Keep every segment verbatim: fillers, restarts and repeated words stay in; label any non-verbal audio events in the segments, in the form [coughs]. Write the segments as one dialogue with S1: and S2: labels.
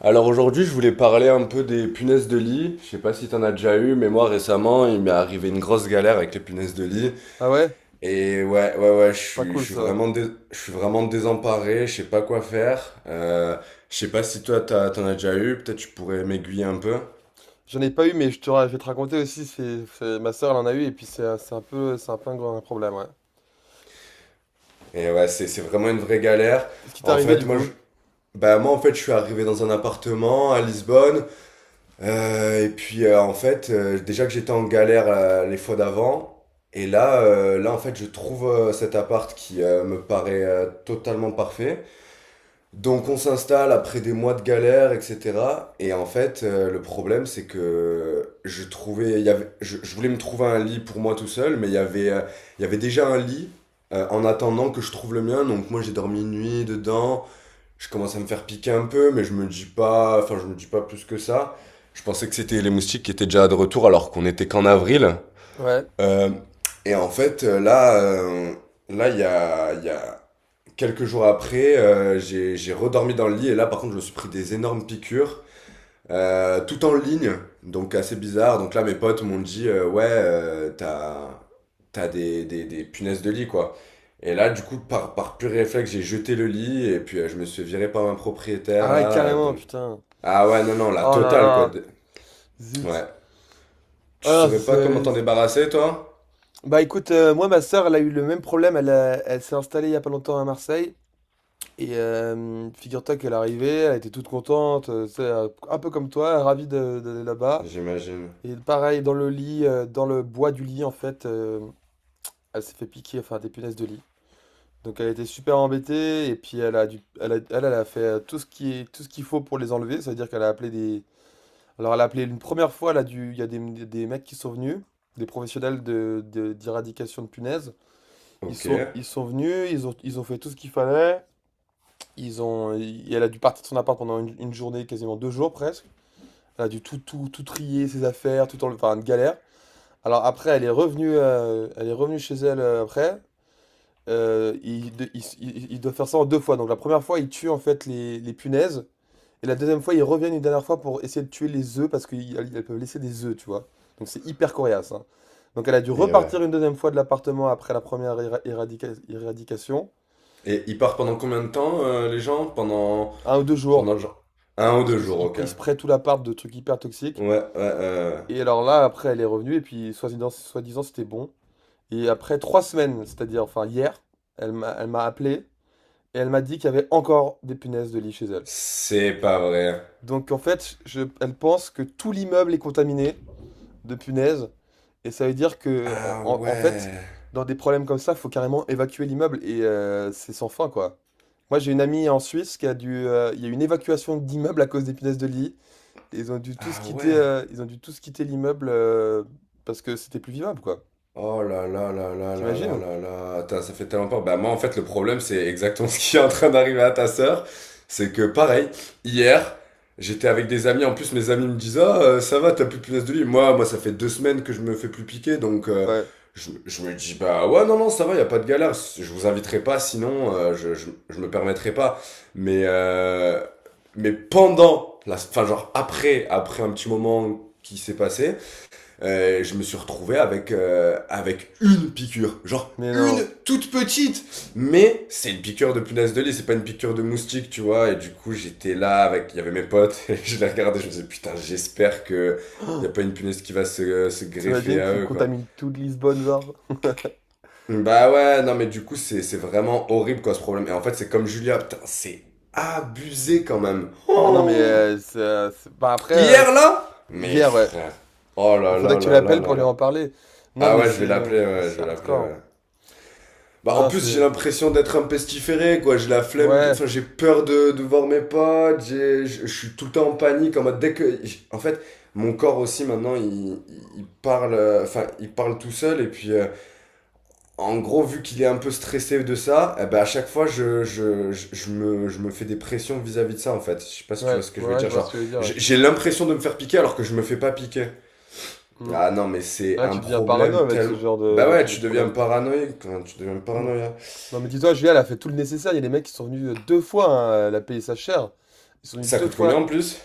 S1: Alors aujourd'hui, je voulais parler un peu des punaises de lit. Je sais pas si t'en as déjà eu, mais moi récemment, il m'est arrivé une grosse galère avec les punaises de lit.
S2: Ah ouais?
S1: Et ouais, ouais, ouais, je
S2: Pas
S1: suis,
S2: cool
S1: je suis
S2: ça.
S1: vraiment, dés- je suis vraiment désemparé. Je sais pas quoi faire. Euh, je sais pas si toi, t'as- t'en as déjà eu. Peut-être tu pourrais m'aiguiller un peu.
S2: J'en ai pas eu, mais je te, ra- je vais te raconter aussi, c'est, c'est- ma soeur elle en a eu, et puis c'est un c'est un peu, c'est un peu un gros- problème, ouais.
S1: Et ouais, c'est, c'est vraiment une vraie galère.
S2: Qu'est-ce qui t'est
S1: En
S2: arrivé
S1: fait,
S2: du
S1: moi, je,
S2: coup?
S1: bah moi, en fait, je suis arrivé dans un appartement à Lisbonne. Euh, et puis euh, En fait, euh, déjà que j'étais en galère euh, les fois d'avant, et là, euh, là en fait, je trouve euh, cet appart qui euh, me paraît euh, totalement parfait. Donc on s'installe après des mois de galère, et cetera. Et en fait, euh, le problème c'est que je trouvais, il y avait, je, je voulais me trouver un lit pour moi tout seul, mais il y avait, euh, il y avait déjà un lit euh, en attendant que je trouve le mien. Donc moi j'ai dormi une nuit dedans. Je commence à me faire piquer un peu, mais je me dis pas, enfin je me dis pas plus que ça. Je pensais que c'était les moustiques qui étaient déjà de retour alors qu'on était qu'en avril.
S2: Ouais.
S1: Euh, et en fait, euh, là, euh, là, il y a, Y a quelques jours après, euh, j'ai j'ai redormi dans le lit et là, par contre, je me suis pris des énormes piqûres. Euh, tout en ligne, donc assez bizarre. Donc là, mes potes m'ont dit, euh, ouais, euh, t'as, t'as des, des, des punaises de lit, quoi. Et là, du coup, par, par pur réflexe, j'ai jeté le lit et puis euh, je me suis viré par un
S2: Ah
S1: propriétaire,
S2: ouais,
S1: là. Euh,
S2: carrément,
S1: donc,
S2: putain.
S1: ah ouais, non, non, la
S2: Oh là
S1: totale, quoi.
S2: là,
S1: De-
S2: zut.
S1: Ouais. Tu
S2: Ah,
S1: saurais pas comment
S2: c'est...
S1: t'en débarrasser, toi?
S2: Bah écoute, euh, moi ma soeur elle a eu le même problème, elle, a- elle s'est installée il y a pas longtemps à Marseille, et euh, figure-toi qu'elle est arrivée, elle était toute contente, euh, tu sais, euh, un peu comme toi, ravie de- d'aller là-bas.
S1: J'imagine.
S2: Et pareil, dans le lit, euh, dans le bois du lit en fait, euh, elle s'est fait piquer, enfin des punaises de lit. Donc elle était super embêtée et puis elle a dû, elle a, elle, elle a fait euh, tout ce qui est, tout ce qu'il faut pour les enlever. Ça veut dire qu'elle a appelé des, alors elle a appelé une première fois, elle a dû, il y a des, des mecs qui sont venus, des professionnels de, de- d'éradication de punaises. Ils
S1: Ok.
S2: sont,
S1: Et
S2: ils sont venus, ils ont, ils ont fait tout ce qu'il fallait. Ils ont, et elle a dû partir de son appart pendant une, une journée, quasiment deux jours presque. Elle a dû tout, tout, tout trier ses affaires, tout enlever, enfin une galère. Alors après, elle est revenue, euh, elle est revenue chez elle euh, après. Euh, il, de- il s- il- Il doit faire ça en deux fois. Donc la première fois, il tue en fait les, les punaises. Et la deuxième fois, il revient une dernière fois pour essayer de tuer les œufs parce qu'elles peuvent laisser des œufs, tu vois. Donc c'est hyper coriace, hein. Donc elle a dû repartir
S1: ouais.
S2: une deuxième fois de l'appartement après la première éra- éradica- éradication.
S1: Et ils partent pendant combien de temps, euh, les gens? Pendant,
S2: Un ou deux jours.
S1: pendant Genre un ou
S2: Parce
S1: deux
S2: que c'est-
S1: jours,
S2: il
S1: ok.
S2: pr- il spray tout l'appart de trucs hyper toxiques.
S1: Ouais, ouais, euh,
S2: Et alors là, après, elle est revenue et puis soi-disant, soi-disant, c'était bon. Et après trois semaines, c'est-à-dire enfin hier, elle m'a elle m'a appelé et elle m'a dit qu'il y avait encore des punaises de lit chez elle.
S1: c'est pas vrai.
S2: Donc en fait, je, elle pense que tout l'immeuble est contaminé de punaises. Et ça veut dire que, en,
S1: Ah
S2: en- en fait,
S1: ouais.
S2: dans des problèmes comme ça, faut carrément évacuer l'immeuble. Et euh, c'est sans fin, quoi. Moi, j'ai une amie en Suisse qui a dû. euh, Il y a eu une évacuation d'immeuble à cause des punaises de lit. Et ils ont dû tous
S1: Ah
S2: quitter,
S1: ouais.
S2: euh, ils ont dû tous quitter l'immeuble euh, parce que c'était plus vivable, quoi.
S1: Oh là là là là là là
S2: T'imagines?
S1: là là. Attends, ça fait tellement peur. Bah moi en fait le problème c'est exactement [laughs] ce qui est en train d'arriver à ta sœur. C'est que pareil, hier, j'étais avec des amis. En plus mes amis me disent: Ah euh, ça va, t'as plus de punaise de lit. Moi, moi ça fait deux semaines que je me fais plus piquer. Donc euh,
S2: Ouais.
S1: je, je me dis: Bah ouais non non ça va, y a pas de galère. Je vous inviterai pas sinon euh, je, je, je me permettrai pas. Mais, euh, mais pendant, la, enfin genre après, après un petit moment qui s'est passé euh, je me suis retrouvé avec, euh, avec une piqûre. Genre
S2: Mais
S1: une
S2: non.
S1: toute petite. Mais c'est une piqûre de punaise de lit, c'est pas une piqûre de moustique, tu vois. Et du coup, j'étais là avec. Il y avait mes potes, [laughs] et je les regardais, je me disais putain, j'espère que. Y a pas une punaise qui va se, se greffer
S2: T'imagines,
S1: à
S2: tu
S1: eux, quoi.
S2: contamines toute Lisbonne, genre.
S1: Bah ouais, non, mais du coup, c'est c'est vraiment horrible, quoi, ce problème. Et en fait, c'est comme Julia, putain, c'est abusé quand même.
S2: Ah non, mais
S1: Oh
S2: euh, c'est- euh, c'est- bah, après, euh,
S1: hier,
S2: c'est-
S1: là. Mes
S2: hier, ouais.
S1: frères. Oh
S2: Il
S1: là
S2: faudrait
S1: là
S2: que tu
S1: là là
S2: l'appelles pour
S1: là
S2: lui
S1: là.
S2: en parler. Non,
S1: Ah
S2: mais
S1: ouais, je vais
S2: c'est
S1: l'appeler, ouais,
S2: c'est
S1: je vais l'appeler, ouais.
S2: hardcore.
S1: Bah, en
S2: Non,
S1: plus, j'ai
S2: c'est.
S1: l'impression d'être un pestiféré, quoi. J'ai la flemme, de-
S2: Ouais,
S1: enfin, j'ai peur de, de voir mes potes, j'ai- je je suis tout le temps en panique, en mode dès que. En fait, mon corps aussi, maintenant, il, il parle, euh, enfin, il parle tout seul, et puis, euh, en gros, vu qu'il est un peu stressé de ça, eh ben, à chaque fois, je, je, je, je me, je me fais des pressions vis-à-vis de ça, en fait. Je sais pas si tu vois
S2: ouais,
S1: ce que je veux
S2: ouais, je
S1: dire,
S2: vois ce que
S1: genre,
S2: tu veux dire, ouais.
S1: j'ai j'ai l'impression de me faire piquer alors que je me fais pas piquer.
S2: Hmm.
S1: Ah non, mais c'est
S2: Ah,
S1: un
S2: tu deviens parano
S1: problème
S2: avec ce
S1: tellement.
S2: genre de,
S1: Bah
S2: de,
S1: ouais,
S2: de
S1: tu deviens
S2: problème.
S1: paranoïaque, hein, tu deviens
S2: Mm.
S1: paranoïaque.
S2: Non, mais dis-toi, Julia, elle a fait tout le nécessaire. Il y a des mecs qui sont venus euh, deux fois, hein, elle a payé sa chère. Ils sont venus
S1: Ça
S2: deux
S1: coûte
S2: fois.
S1: combien en plus?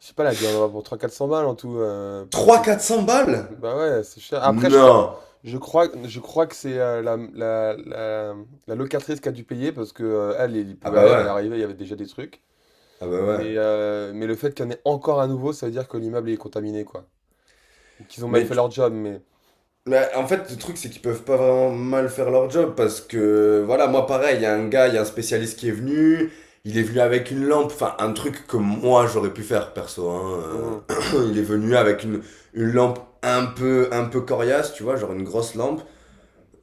S2: Je sais pas, elle a dû en avoir pour trois cents quatre cents balles en tout. Euh, pour
S1: Trois cents
S2: qu'ils.
S1: quatre cents balles?
S2: Bah ouais, c'est cher. Après, je crois.
S1: Non.
S2: Je crois, je crois que c'est euh, la, la, la, la locatrice qui a dû payer parce que euh, elle, il
S1: Ah
S2: pouvait
S1: bah
S2: rien.
S1: ouais.
S2: Elle est arrivée, il y avait déjà des trucs.
S1: Ah bah
S2: Mais,
S1: ouais.
S2: heu, mais le fait qu'il y en ait encore à nouveau, ça veut dire que l'immeuble est contaminé, quoi. Ou qu'ils ont mal fait
S1: Mais
S2: leur job, mais
S1: mais en fait, le truc, c'est qu'ils peuvent pas vraiment mal faire leur job parce que, voilà, moi pareil, il y a un gars, il y a un spécialiste qui est venu, il est venu avec une lampe, enfin, un truc que moi j'aurais pu faire perso, hein. euh,
S2: mmh,
S1: [clears throat] [coughs] il est venu avec une, une lampe un peu, un peu coriace, tu vois, genre une grosse lampe.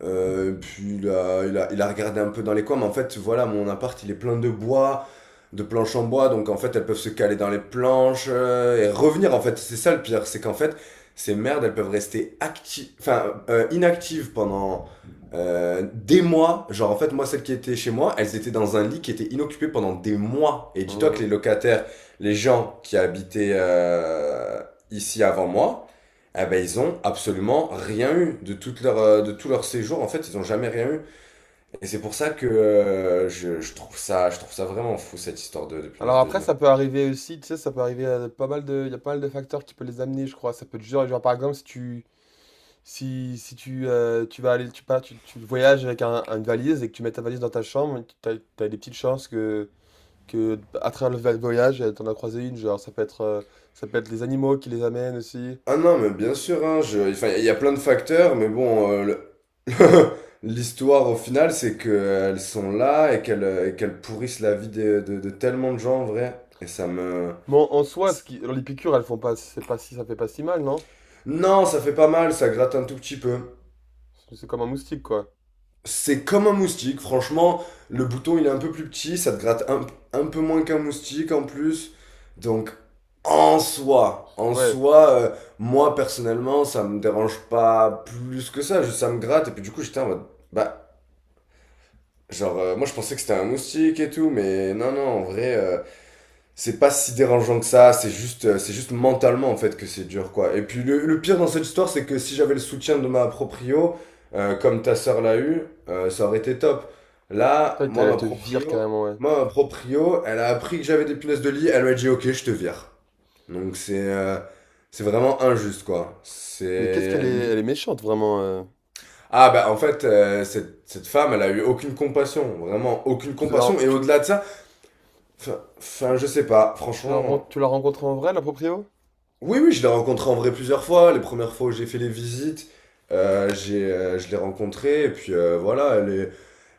S1: Euh, puis il a, il a- il a regardé un peu dans les coins, mais en fait, voilà, mon appart, il est plein de bois, de planches en bois, donc en fait, elles peuvent se caler dans les planches euh, et revenir, en fait. C'est ça le pire, c'est qu'en fait, ces merdes, elles peuvent rester actives, enfin, euh, inactives pendant euh, des mois. Genre, en fait, moi, celles qui étaient chez moi, elles étaient dans un lit qui était inoccupé pendant des mois. Et
S2: mh,
S1: dis-toi que
S2: mmh.
S1: les locataires, les gens qui habitaient euh, ici avant moi, eh ben, ils ont absolument rien eu de, toute leur, euh, de tout leur séjour. En fait, ils ont jamais rien eu. Et c'est pour ça que euh, je, je trouve ça, je trouve ça vraiment fou, cette histoire de, de
S2: Alors
S1: punaise de lit.
S2: après, ça peut arriver aussi, tu sais, ça peut arriver à pas mal de il y a pas mal de facteurs qui peut les amener, je crois. Ça peut être genre genre, par exemple, si tu si si tu, heu, tu vas aller tu pars tu tu voyages avec un une valise et que tu mets ta valise dans ta chambre, t'as as des petites chances que que à travers le va voyage, tu en as croisé une. Genre, ça peut être, heu, ça peut être les animaux qui les amènent aussi.
S1: Ah non, mais bien sûr, hein, je, enfin, il y a plein de facteurs, mais bon, euh, le- [laughs] l'histoire au final, c'est qu'elles sont là et qu'elles euh, et qu'elles pourrissent la vie de, de, de tellement de gens en vrai. Et ça me...
S2: Bon, en soi, ce qui alors les piqûres, elles font pas, c'est pas si, ça fait pas si mal, non?
S1: Non, ça fait pas mal, ça gratte un tout petit peu.
S2: C'est comme un moustique, quoi.
S1: C'est comme un moustique, franchement. Le bouton, il est un peu plus petit, ça te gratte un, un peu moins qu'un moustique en plus. Donc, en soi, en
S2: Ouais.
S1: soi, euh, moi personnellement, ça me dérange pas plus que ça. Juste, ça me gratte. Et puis, du coup, j'étais en mode, bah, genre, euh, moi je pensais que c'était un moustique et tout, mais non, non, en vrai, euh, c'est pas si dérangeant que ça, c'est juste, euh, c'est juste mentalement en fait que c'est dur quoi. Et puis le, le pire dans cette histoire, c'est que si j'avais le soutien de ma proprio, euh, comme ta sœur l'a eu, euh, ça aurait été top. Là,
S2: Putain,
S1: moi
S2: elle, elle
S1: ma
S2: te vire
S1: proprio,
S2: carrément, ouais.
S1: Moi ma proprio, elle a appris que j'avais des punaises de lit, elle m'a dit ok, je te vire. Donc c'est, euh, c'est vraiment injuste quoi.
S2: Mais qu'est-ce qu'elle
S1: C'est
S2: est...
S1: lui.
S2: Elle est méchante, vraiment. euh.
S1: Ah bah en fait, euh, cette, cette femme, elle a eu aucune compassion, vraiment aucune
S2: Tu la
S1: compassion. Et
S2: tu, l-
S1: au-delà de ça, enfin,
S2: tu, l-
S1: enfin, je sais pas,
S2: tu la ren-
S1: franchement.
S2: Tu l'as rencontrée en vrai, la proprio?
S1: Oui, oui, je l'ai rencontré en vrai plusieurs fois. Les premières fois où j'ai fait les visites, euh, j'ai, euh, je l'ai rencontrée. Et puis euh, voilà, elle, est-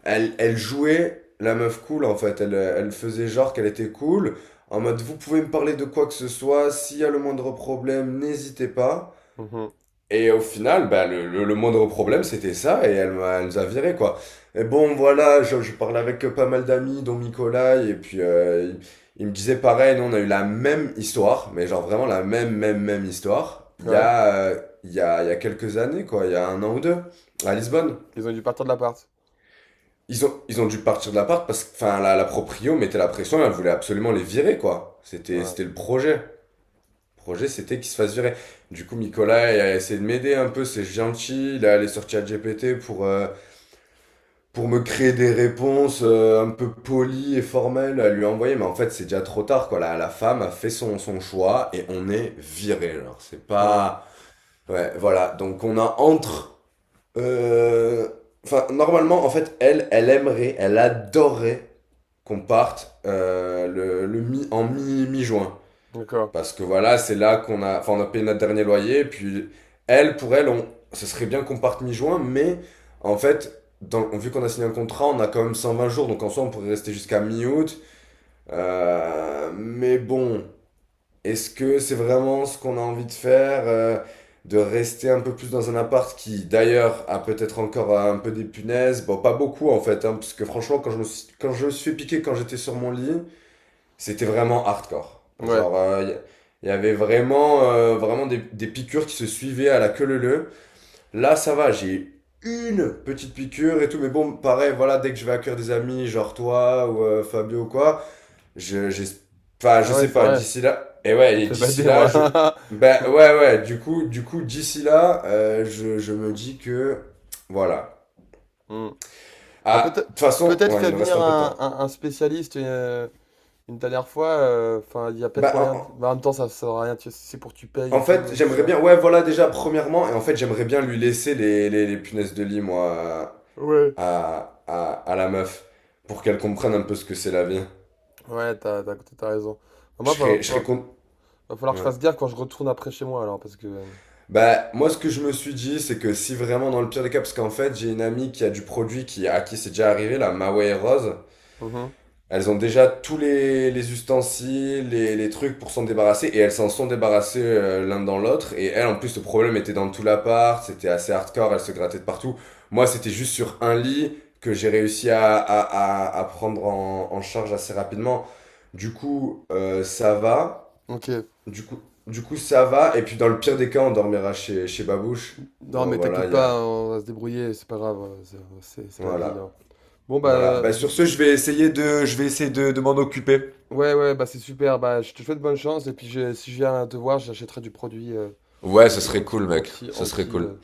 S1: elle, elle jouait la meuf cool en fait. Elle, euh, elle faisait genre qu'elle était cool. En mode, vous pouvez me parler de quoi que ce soit. S'il y a le moindre problème, n'hésitez pas.
S2: Mhm.
S1: Et au final, bah, le, le, le moindre problème, c'était ça, et elle, m'a- elle nous a viré, quoi. Et bon, voilà, je, je parlais avec euh, pas mal d'amis, dont Nicolas, et puis euh, il, il me disait pareil, nous, on a eu la même histoire, mais genre vraiment la même, même, même histoire, il y
S2: Ouais.
S1: a, euh, il y a, il y a quelques années, quoi, il y a un an ou deux, à
S2: Ils
S1: Lisbonne.
S2: ils ont dû partir de l'appart.
S1: Ils ont, ils ont dû partir de l'appart parce que, enfin, la, la proprio mettait la pression, elle voulait absolument les virer, quoi. C'était, c'était
S2: Ouais.
S1: le projet. Projet, c'était qu'il se fasse virer. Du coup, Nicolas il a essayé de m'aider un peu, c'est gentil. Il est allé sur ChatGPT pour, euh, pour me créer des réponses euh, un peu polies et formelles à lui envoyer. Mais en fait, c'est déjà trop tard, quoi. La, la femme a fait son, son choix et on est viré. Alors, c'est
S2: Hmm.
S1: pas. Ouais, voilà. Donc, on a entre. euh, Enfin, normalement, en fait, elle, elle aimerait, elle adorerait qu'on parte euh, le, le mi, en mi, mi-juin.
S2: D'accord.
S1: Parce que voilà, c'est là qu'on a, enfin, on a payé notre dernier loyer. Et puis, elle, pour elle, on, ce serait bien qu'on parte mi-juin, mais en fait, dans, vu qu'on a signé un contrat, on a quand même cent vingt jours, donc en soi, on pourrait rester jusqu'à mi-août. Euh, mais bon, est-ce que c'est vraiment ce qu'on a envie de faire euh, de rester un peu plus dans un appart qui, d'ailleurs, a peut-être encore euh, un peu des punaises. Bon, pas beaucoup en fait, hein, parce que franchement, quand je me suis, quand je me suis fait piquer quand j'étais sur mon lit, c'était vraiment hardcore.
S2: Ouais.
S1: Genre, euh, il y avait vraiment, euh, vraiment des, des piqûres qui se suivaient à la queue leu. Là, ça va, j'ai une petite piqûre et tout, mais bon, pareil, voilà, dès que je vais accueillir des amis, genre toi ou euh, Fabio ou quoi, je, j'ai, enfin,
S2: Ah
S1: je
S2: ouais,
S1: sais
S2: c'est
S1: pas,
S2: vrai.
S1: d'ici là, et
S2: Ça
S1: ouais,
S2: me
S1: et
S2: fait
S1: d'ici
S2: bader,
S1: là,
S2: moi.
S1: je,
S2: [laughs]
S1: ben ouais, ouais, du coup, du coup, d'ici là, euh, je, je me dis que, voilà.
S2: Hmm. Bah,
S1: Ah,
S2: peut-être
S1: de toute façon,
S2: peut-être
S1: ouais, il
S2: faire
S1: nous reste
S2: venir
S1: un peu de
S2: un,
S1: temps.
S2: un- un spécialiste euh, une dernière fois. euh, Enfin, il y a peut-être
S1: Bah,
S2: moyen. De-
S1: en-
S2: mais en même temps, ça ne sert à rien. tu- C'est pour que tu payes
S1: En
S2: et tout,
S1: fait,
S2: euh,
S1: j'aimerais
S2: cher.
S1: bien. Ouais, voilà, déjà, premièrement. Et en fait, j'aimerais bien lui laisser les, les, les punaises de lit, moi,
S2: Ouais.
S1: à, à, à la meuf. Pour qu'elle comprenne un peu ce que c'est la vie.
S2: Ouais, t'as, t'as, t'as raison. Bah,
S1: Je
S2: moi,
S1: serais,
S2: va,
S1: je serais
S2: va-
S1: con.
S2: va falloir que je
S1: Ouais.
S2: fasse gaffe quand je retourne après chez moi, alors, parce que. euh,
S1: Bah, moi, ce que je me suis dit, c'est que si vraiment, dans le pire des cas, parce qu'en fait, j'ai une amie qui a du produit qui, à qui c'est déjà arrivé, la Maway Rose.
S2: Mhm.
S1: Elles ont déjà tous les, les ustensiles, les, les trucs pour s'en débarrasser, et elles s'en sont débarrassées euh, l'un dans l'autre. Et elle, en plus, le problème était dans tout l'appart, c'était assez hardcore, elle se grattait de partout. Moi, c'était juste sur un lit que j'ai réussi à, à, à, à prendre en, en charge assez rapidement. Du coup, euh, ça va.
S2: Ok.
S1: Du coup, du coup, Ça va. Et puis, dans le pire des cas, on dormira chez, chez Babouche.
S2: Non,
S1: Bon,
S2: mais
S1: voilà,
S2: t'inquiète
S1: il y
S2: pas,
S1: a...
S2: on va se débrouiller, c'est pas grave, euh, c'est c'est- c'est la vie, hein.
S1: Voilà.
S2: Bon,
S1: Voilà.
S2: bah,
S1: Bah,
S2: je
S1: sur
S2: sais-
S1: ce, je vais essayer de, je vais essayer de, de m'en occuper.
S2: ouais, ouais, bah, c'est super, bah, je te souhaite bonne chance, et puis je- si je viens te voir, j'achèterai du produit euh, ou
S1: Ouais,
S2: je-
S1: ce serait
S2: anti,
S1: cool, mec.
S2: anti,
S1: Ce serait
S2: anti,
S1: cool.
S2: euh,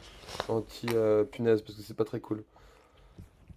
S2: Anti euh, punaise, parce que c'est pas très cool.